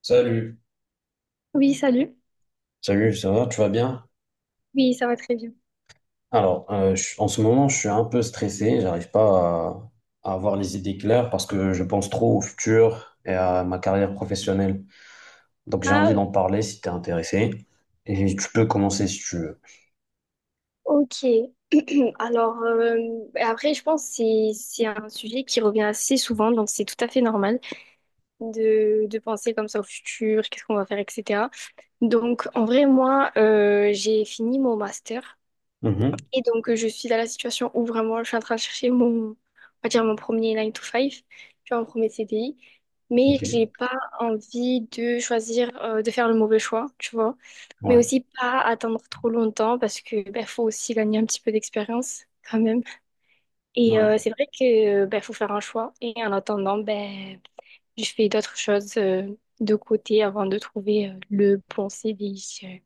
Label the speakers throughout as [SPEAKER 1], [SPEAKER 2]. [SPEAKER 1] Salut.
[SPEAKER 2] Oui, salut.
[SPEAKER 1] Salut, ça va, tu vas bien?
[SPEAKER 2] Oui, ça va très bien.
[SPEAKER 1] En ce moment, je suis un peu stressé, j'arrive pas à, à avoir les idées claires parce que je pense trop au futur et à ma carrière professionnelle. Donc, j'ai envie
[SPEAKER 2] Ah,
[SPEAKER 1] d'en parler si tu es intéressé. Et tu peux commencer si tu veux.
[SPEAKER 2] ok. Alors, après, je pense que c'est un sujet qui revient assez souvent, donc c'est tout à fait normal de penser comme ça au futur, qu'est-ce qu'on va faire, etc. Donc, en vrai, moi, j'ai fini mon master.
[SPEAKER 1] Mhm.
[SPEAKER 2] Et donc, je suis dans la situation où vraiment je suis en train de chercher on va dire mon premier nine to five tu vois, mon premier CDI. Mais
[SPEAKER 1] Ok.
[SPEAKER 2] j'ai pas envie de choisir, de faire le mauvais choix, tu vois. Mais
[SPEAKER 1] Ouais.
[SPEAKER 2] aussi pas attendre trop longtemps parce que ben, faut aussi gagner un petit peu d'expérience quand même. Et
[SPEAKER 1] Ouais.
[SPEAKER 2] c'est vrai que ben, faut faire un choix. Et en attendant, ben, je fais d'autres choses de côté avant de trouver le bon CDI.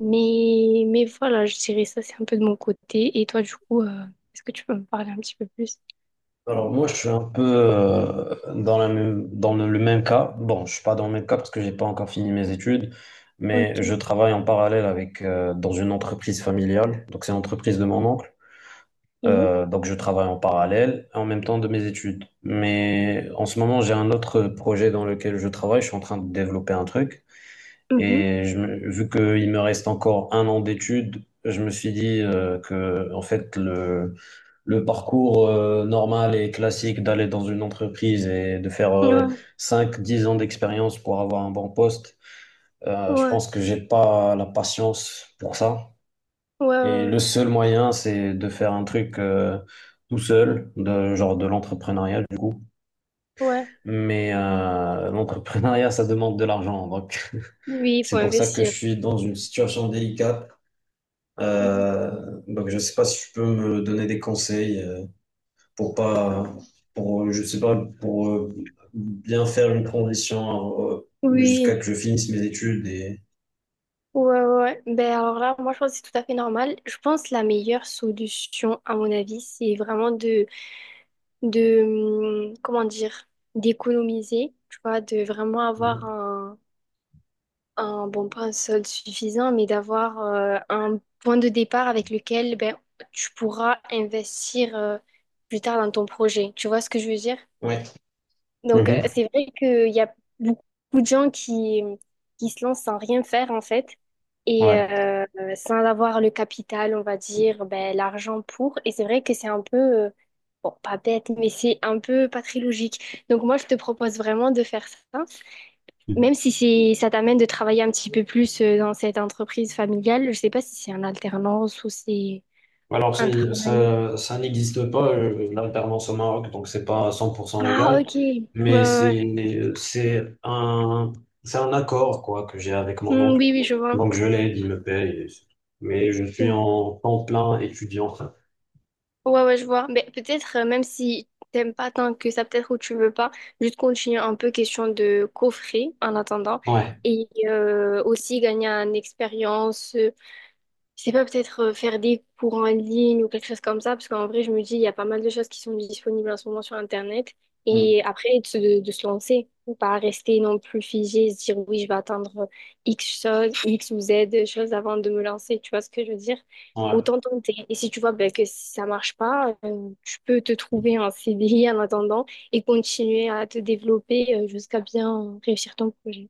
[SPEAKER 2] Mais voilà, je dirais ça, c'est un peu de mon côté. Et toi, du coup, est-ce que tu peux me parler un petit peu plus?
[SPEAKER 1] Alors, moi, je suis un peu dans dans le même cas. Bon, je suis pas dans le même cas parce que j'ai pas encore fini mes études. Mais je
[SPEAKER 2] Ok.
[SPEAKER 1] travaille en parallèle avec dans une entreprise familiale. Donc, c'est l'entreprise de mon oncle.
[SPEAKER 2] Oui.
[SPEAKER 1] Donc je travaille en parallèle en même temps de mes études. Mais en ce moment, j'ai un autre projet dans lequel je travaille. Je suis en train de développer un truc.
[SPEAKER 2] Mhm.
[SPEAKER 1] Vu qu'il me reste encore un an d'études, je me suis dit que en fait le parcours normal et classique d'aller dans une entreprise et de faire
[SPEAKER 2] Ouais,
[SPEAKER 1] 5-10 ans d'expérience pour avoir un bon poste, je
[SPEAKER 2] ouais,
[SPEAKER 1] pense que j'ai pas la patience pour ça.
[SPEAKER 2] ouais,
[SPEAKER 1] Et
[SPEAKER 2] ouais,
[SPEAKER 1] le
[SPEAKER 2] ouais.
[SPEAKER 1] seul moyen, c'est de faire un truc tout seul, genre de l'entrepreneuriat du coup.
[SPEAKER 2] Ouais.
[SPEAKER 1] Mais l'entrepreneuriat, ça demande de l'argent. Donc,
[SPEAKER 2] Oui, il faut
[SPEAKER 1] c'est pour ça que je
[SPEAKER 2] investir.
[SPEAKER 1] suis dans une situation délicate.
[SPEAKER 2] Mhm.
[SPEAKER 1] Donc, je sais pas si tu peux me donner des conseils pour pas, pour, je sais pas, pour bien faire une transition jusqu'à
[SPEAKER 2] Oui,
[SPEAKER 1] que je finisse mes études et.
[SPEAKER 2] ouais, ouais. Ouais. Ben alors là, moi, je pense que c'est tout à fait normal. Je pense que la meilleure solution, à mon avis, c'est vraiment de, comment dire, d'économiser, tu vois, de vraiment avoir
[SPEAKER 1] Mhm.
[SPEAKER 2] un bon, pas un solde suffisant, mais d'avoir un point de départ avec lequel ben, tu pourras investir plus tard dans ton projet. Tu vois ce que je veux dire?
[SPEAKER 1] Ouais.
[SPEAKER 2] Donc,
[SPEAKER 1] Mhm.
[SPEAKER 2] c'est vrai qu'il y a beaucoup de gens qui se lancent sans rien faire, en fait, et
[SPEAKER 1] Ouais.
[SPEAKER 2] sans avoir le capital, on va dire, ben, l'argent pour. Et c'est vrai que c'est un peu, bon, pas bête, mais c'est un peu pas très logique. Donc, moi, je te propose vraiment de faire ça. Même si ça t'amène de travailler un petit peu plus dans cette entreprise familiale, je sais pas si c'est un alternance ou c'est un travail.
[SPEAKER 1] Ça, ça n'existe pas, l'alternance au Maroc, donc c'est pas 100%
[SPEAKER 2] Ah,
[SPEAKER 1] légal,
[SPEAKER 2] ok. Ouais,
[SPEAKER 1] mais
[SPEAKER 2] ouais, ouais.
[SPEAKER 1] c'est un accord, quoi, que j'ai avec mon
[SPEAKER 2] Hmm,
[SPEAKER 1] oncle.
[SPEAKER 2] oui, oui, je vois.
[SPEAKER 1] Donc, je l'aide, il me paye, et c'est tout. Mais je suis
[SPEAKER 2] Ouais,
[SPEAKER 1] en temps plein étudiant.
[SPEAKER 2] ouais, ouais, je vois. Mais peut-être, même si t'aimes pas tant que ça, peut-être ou tu veux pas, juste continuer un peu question de coffrer en attendant
[SPEAKER 1] Ouais.
[SPEAKER 2] et aussi gagner en expérience. Je sais pas, peut-être faire des cours en ligne ou quelque chose comme ça, parce qu'en vrai, je me dis, il y a pas mal de choses qui sont disponibles en ce moment sur Internet.
[SPEAKER 1] Mm.
[SPEAKER 2] Et après, de se lancer, ou pas rester non plus figé, se dire, oui, je vais attendre X choses X ou Z choses avant de me lancer. Tu vois ce que je veux dire?
[SPEAKER 1] Ouais.
[SPEAKER 2] Autant tenter. Et si tu vois ben, que si ça marche pas, tu peux te trouver un CDI en attendant et continuer à te développer jusqu'à bien réussir ton projet.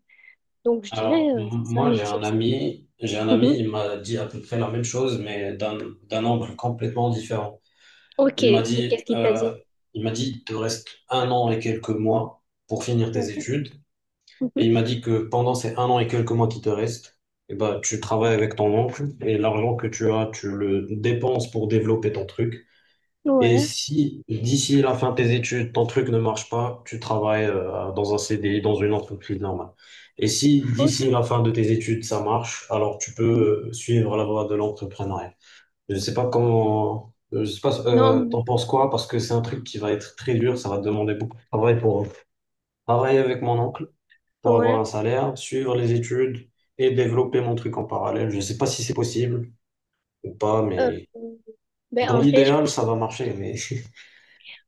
[SPEAKER 2] Donc, je dirais,
[SPEAKER 1] Alors, m-
[SPEAKER 2] c'est ça
[SPEAKER 1] moi,
[SPEAKER 2] mes
[SPEAKER 1] j'ai un
[SPEAKER 2] tips.
[SPEAKER 1] ami, J'ai un ami,
[SPEAKER 2] Mhm.
[SPEAKER 1] il m'a dit à peu près la même chose, mais d'un angle complètement différent.
[SPEAKER 2] Ok.
[SPEAKER 1] Il m'a
[SPEAKER 2] Et
[SPEAKER 1] dit,
[SPEAKER 2] qu'est-ce qu'il t'a dit?
[SPEAKER 1] euh, il m'a dit, il te reste un an et quelques mois pour finir tes
[SPEAKER 2] Ouais.
[SPEAKER 1] études. Et il
[SPEAKER 2] Mhm.
[SPEAKER 1] m'a dit que pendant ces un an et quelques mois qui te restent, eh ben, tu travailles avec ton oncle et l'argent que tu as, tu le dépenses pour développer ton truc. Et
[SPEAKER 2] Ouais,
[SPEAKER 1] si d'ici la fin de tes études, ton truc ne marche pas, tu travailles dans un CDI, dans une entreprise normale. Et si
[SPEAKER 2] ok.
[SPEAKER 1] d'ici la fin de tes études, ça marche, alors tu peux suivre la voie de l'entrepreneuriat. Je ne sais pas comment, je sais pas,
[SPEAKER 2] Non,
[SPEAKER 1] t'en penses quoi, parce que c'est un truc qui va être très dur, ça va te demander beaucoup de travail pour travailler avec mon oncle pour avoir
[SPEAKER 2] ouais.
[SPEAKER 1] un salaire, suivre les études et développer mon truc en parallèle. Je ne sais pas si c'est possible ou pas,
[SPEAKER 2] Euh,
[SPEAKER 1] mais
[SPEAKER 2] ben,
[SPEAKER 1] dans
[SPEAKER 2] en vrai,
[SPEAKER 1] l'idéal, ça va marcher. Mais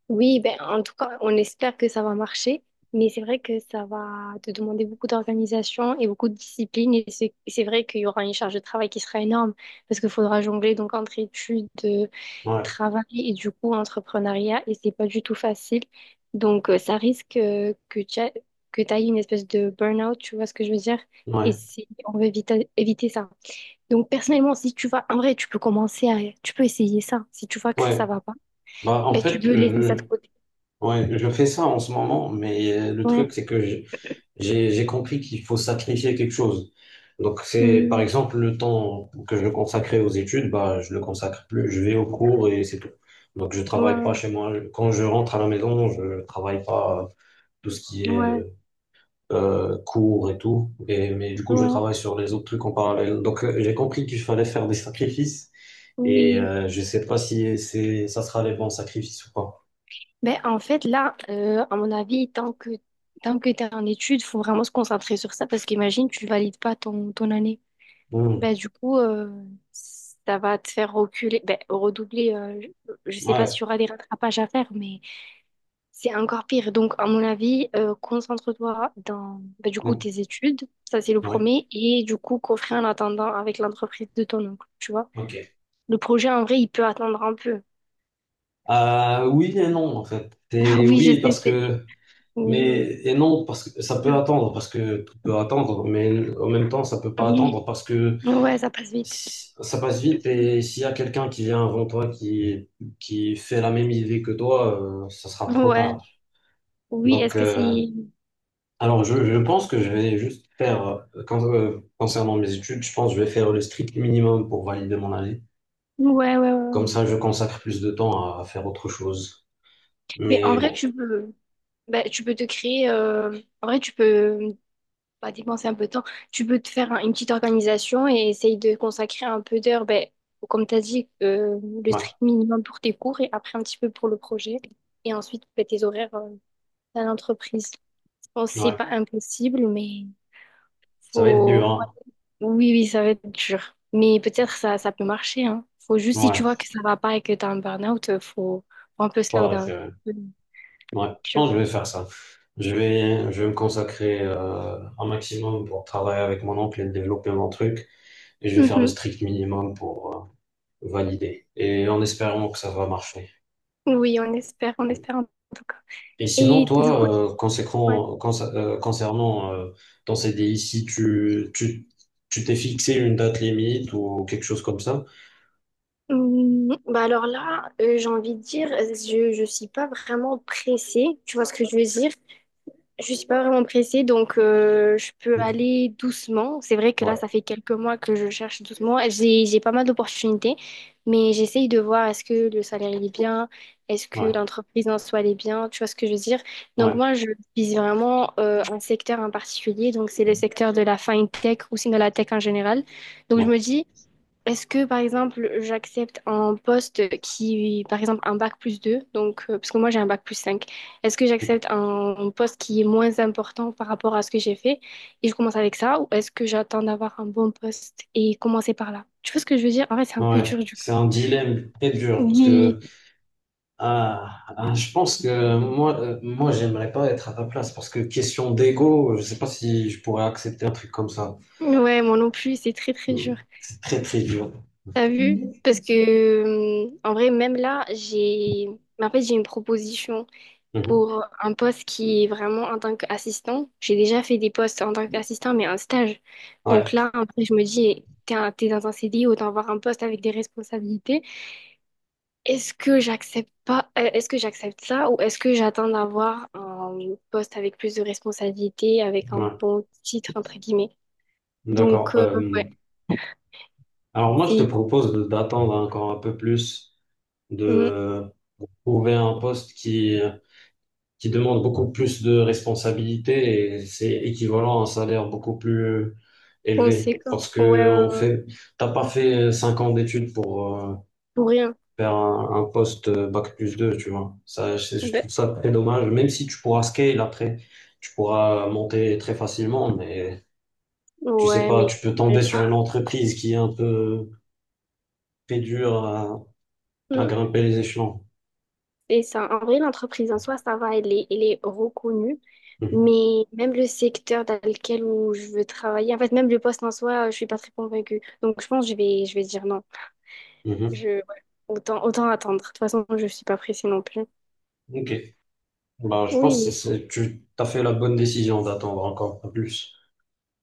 [SPEAKER 2] oui, ben, en tout cas, on espère que ça va marcher, mais c'est vrai que ça va te demander beaucoup d'organisation et beaucoup de discipline. Et c'est vrai qu'il y aura une charge de travail qui sera énorme parce qu'il faudra jongler donc entre études,
[SPEAKER 1] ouais,
[SPEAKER 2] travail et du coup entrepreneuriat, et c'est pas du tout facile. Donc, ça risque que que tu ailles une espèce de burn-out, tu vois ce que je veux dire? Et
[SPEAKER 1] ouais,
[SPEAKER 2] on veut éviter, ça. Donc, personnellement, si tu vas, en vrai, tu peux essayer ça. Si tu vois que ça
[SPEAKER 1] ouais.
[SPEAKER 2] va pas,
[SPEAKER 1] Bah, en
[SPEAKER 2] ben, tu
[SPEAKER 1] fait,
[SPEAKER 2] peux laisser ça
[SPEAKER 1] euh,
[SPEAKER 2] de côté.
[SPEAKER 1] ouais, je fais ça en ce moment, mais le truc,
[SPEAKER 2] Ouais.
[SPEAKER 1] c'est que j'ai compris qu'il faut sacrifier quelque chose. Donc, c'est par
[SPEAKER 2] Hmm.
[SPEAKER 1] exemple le temps que je consacrais aux études, bah, je le consacre plus, je vais au cours et c'est tout. Donc, je
[SPEAKER 2] Ouais,
[SPEAKER 1] travaille pas
[SPEAKER 2] ouais,
[SPEAKER 1] chez moi. Quand je rentre à la maison, je travaille pas tout ce qui est
[SPEAKER 2] ouais,
[SPEAKER 1] cours et tout. Mais du coup, je
[SPEAKER 2] ouais,
[SPEAKER 1] travaille sur les autres trucs en parallèle. Donc, j'ai compris qu'il fallait faire des sacrifices.
[SPEAKER 2] oui.
[SPEAKER 1] Je sais pas si c'est, ça sera les bons sacrifices ou pas.
[SPEAKER 2] Ben, en fait, là, à mon avis, tant que t'es en études, faut vraiment se concentrer sur ça parce qu'imagine, tu valides pas ton année. Ben,
[SPEAKER 1] Hmm.
[SPEAKER 2] du coup, ça va te faire reculer, ben, redoubler. Je sais pas
[SPEAKER 1] Ouais.
[SPEAKER 2] s'il y aura des rattrapages à faire, mais c'est encore pire. Donc, à mon avis, concentre-toi dans bah, du coup
[SPEAKER 1] Hmm.
[SPEAKER 2] tes études, ça c'est le
[SPEAKER 1] Ouais.
[SPEAKER 2] premier, et du coup coffrer en attendant avec l'entreprise de ton oncle, tu vois.
[SPEAKER 1] Ok.
[SPEAKER 2] Le projet en vrai, il peut attendre un peu.
[SPEAKER 1] Oui et non, en fait. Et
[SPEAKER 2] Oui, je
[SPEAKER 1] oui, parce
[SPEAKER 2] sais, c'est.
[SPEAKER 1] que…
[SPEAKER 2] Oui.
[SPEAKER 1] Mais, et non, parce que ça peut attendre, parce que tout peut attendre, mais en même temps, ça peut pas
[SPEAKER 2] Oui.
[SPEAKER 1] attendre, parce que
[SPEAKER 2] Ouais, ça passe vite.
[SPEAKER 1] ça passe vite, et s'il y a quelqu'un qui vient avant toi, qui fait la même idée que toi, ça sera trop
[SPEAKER 2] Ouais.
[SPEAKER 1] tard.
[SPEAKER 2] Oui,
[SPEAKER 1] Donc,
[SPEAKER 2] est-ce que c'est.
[SPEAKER 1] euh, je pense que je vais juste faire, concernant mes études, je pense que je vais faire le strict minimum pour valider mon année.
[SPEAKER 2] Ouais, ouais, ouais.
[SPEAKER 1] Comme
[SPEAKER 2] Ouais.
[SPEAKER 1] ça, je consacre plus de temps à faire autre chose.
[SPEAKER 2] Mais en
[SPEAKER 1] Mais
[SPEAKER 2] vrai,
[SPEAKER 1] bon,
[SPEAKER 2] tu peux. Bah, tu peux te créer. En vrai, tu peux pas dépenser un peu de temps, tu peux te faire une petite organisation et essayer de consacrer un peu d'heures, ben, comme tu as dit, le
[SPEAKER 1] ouais,
[SPEAKER 2] strict minimum pour tes cours et après un petit peu pour le projet. Et ensuite, ben, tes horaires à l'entreprise. Je pense que c'est
[SPEAKER 1] ouais,
[SPEAKER 2] pas impossible, mais
[SPEAKER 1] ça va être
[SPEAKER 2] faut...
[SPEAKER 1] dur, hein.
[SPEAKER 2] Oui, oui, ça va être dur. Mais peut-être ça, ça peut marcher, hein. Faut juste, si tu
[SPEAKER 1] Ouais,
[SPEAKER 2] vois que ça va pas et que tu as un burn-out, faut un peu
[SPEAKER 1] faut
[SPEAKER 2] slow
[SPEAKER 1] arrêter,
[SPEAKER 2] down.
[SPEAKER 1] ouais. Ouais, je
[SPEAKER 2] Tu vois.
[SPEAKER 1] pense que je vais faire ça. Je vais me consacrer un maximum pour travailler avec mon oncle et développer mon truc. Et je vais faire le
[SPEAKER 2] Mhm.
[SPEAKER 1] strict minimum pour valider. Et en espérant que ça va marcher.
[SPEAKER 2] Oui, on espère en tout cas.
[SPEAKER 1] Et sinon,
[SPEAKER 2] Et du coup,
[SPEAKER 1] toi,
[SPEAKER 2] ouais.
[SPEAKER 1] concernant ton CDI, si tu t'es fixé une date limite ou quelque chose comme ça,
[SPEAKER 2] Bah alors là, j'ai envie de dire, je ne suis pas vraiment pressée, tu vois ce que je veux dire? Je suis pas vraiment pressée, donc je peux
[SPEAKER 1] Ok.
[SPEAKER 2] aller doucement. C'est vrai que là,
[SPEAKER 1] Ouais,
[SPEAKER 2] ça fait quelques mois que je cherche doucement. J'ai pas mal d'opportunités, mais j'essaye de voir est-ce que le salaire il est bien, est-ce que
[SPEAKER 1] ouais,
[SPEAKER 2] l'entreprise en soi elle est bien, tu vois ce que je veux dire? Donc
[SPEAKER 1] ouais,
[SPEAKER 2] moi, je vise vraiment un secteur en particulier, donc c'est le secteur de la fintech ou sinon la tech en général. Donc je
[SPEAKER 1] ouais,
[SPEAKER 2] me dis, est-ce que, par exemple, j'accepte un poste qui, par exemple, un bac plus 2 donc, parce que moi j'ai un bac plus 5 est-ce que j'accepte un poste qui est moins important par rapport à ce que j'ai fait et je commence avec ça, ou est-ce que j'attends d'avoir un bon poste et commencer par là? Tu vois ce que je veux dire? En fait, c'est un peu
[SPEAKER 1] ouais.
[SPEAKER 2] dur du coup.
[SPEAKER 1] C'est un dilemme très dur parce
[SPEAKER 2] Oui,
[SPEAKER 1] que Ah, ah, je pense que moi, moi, j'aimerais pas être à ta place parce que question d'ego, je sais pas si je pourrais accepter un truc comme ça.
[SPEAKER 2] ouais, moi non plus, c'est très très
[SPEAKER 1] Hmm.
[SPEAKER 2] dur.
[SPEAKER 1] C'est très très dur.
[SPEAKER 2] T'as vu? Parce que, en vrai, même là, mais en fait, j'ai une proposition
[SPEAKER 1] Mhm.
[SPEAKER 2] pour un poste qui est vraiment en tant qu'assistant. J'ai déjà fait des postes en tant qu'assistant, mais en stage. Donc
[SPEAKER 1] Ouais,
[SPEAKER 2] là, après, je me dis, t'es t'es dans un CDI, autant avoir un poste avec des responsabilités. Est-ce que j'accepte pas, est-ce que j'accepte ça ou est-ce que j'attends d'avoir un poste avec plus de responsabilités, avec un
[SPEAKER 1] ouais,
[SPEAKER 2] bon titre, entre guillemets. Donc,
[SPEAKER 1] d'accord.
[SPEAKER 2] ouais,
[SPEAKER 1] Alors moi, je te
[SPEAKER 2] c'est
[SPEAKER 1] propose d'attendre encore un peu plus, de
[SPEAKER 2] mm,
[SPEAKER 1] trouver un poste qui demande beaucoup plus de responsabilités et c'est équivalent à un salaire beaucoup plus élevé
[SPEAKER 2] conséquent.
[SPEAKER 1] parce
[SPEAKER 2] Ouais,
[SPEAKER 1] que
[SPEAKER 2] ouais,
[SPEAKER 1] on
[SPEAKER 2] ouais,
[SPEAKER 1] fait, t'as pas fait cinq ans d'études pour
[SPEAKER 2] pour rien.
[SPEAKER 1] faire un poste bac plus 2 tu vois. Ça, je
[SPEAKER 2] Ben,
[SPEAKER 1] trouve ça très dommage, même si tu pourras scale après, tu pourras monter très facilement, mais tu sais
[SPEAKER 2] ouais,
[SPEAKER 1] pas,
[SPEAKER 2] mais
[SPEAKER 1] tu peux
[SPEAKER 2] je sais
[SPEAKER 1] tomber sur une
[SPEAKER 2] pas.
[SPEAKER 1] entreprise qui est un peu très dure à
[SPEAKER 2] Mm.
[SPEAKER 1] grimper les échelons.
[SPEAKER 2] C'est ça. En vrai, l'entreprise en soi, ça va, elle est, reconnue.
[SPEAKER 1] Mhm.
[SPEAKER 2] Mais même le secteur dans lequel où je veux travailler, en fait, même le poste en soi, je suis pas très convaincue. Donc, je pense que je vais dire non.
[SPEAKER 1] Mhm.
[SPEAKER 2] Je, ouais, autant, autant attendre. De toute façon, je suis pas pressée non plus.
[SPEAKER 1] Ok. Bah, je
[SPEAKER 2] Oui,
[SPEAKER 1] pense que
[SPEAKER 2] oui.
[SPEAKER 1] c'est, tu as fait la bonne décision d'attendre encore un peu plus.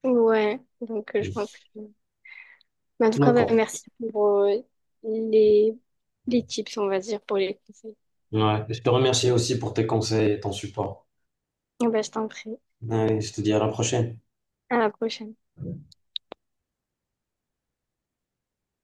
[SPEAKER 2] Ouais. Donc, je
[SPEAKER 1] Mhm.
[SPEAKER 2] pense que... Mais en tout cas, bah,
[SPEAKER 1] D'accord.
[SPEAKER 2] merci pour les, les tips, on va dire, pour les conseils.
[SPEAKER 1] Ouais. Je te remercie aussi pour tes conseils et ton support.
[SPEAKER 2] Bah, je t'en prie.
[SPEAKER 1] Ouais, je te dis à la prochaine.
[SPEAKER 2] À la prochaine.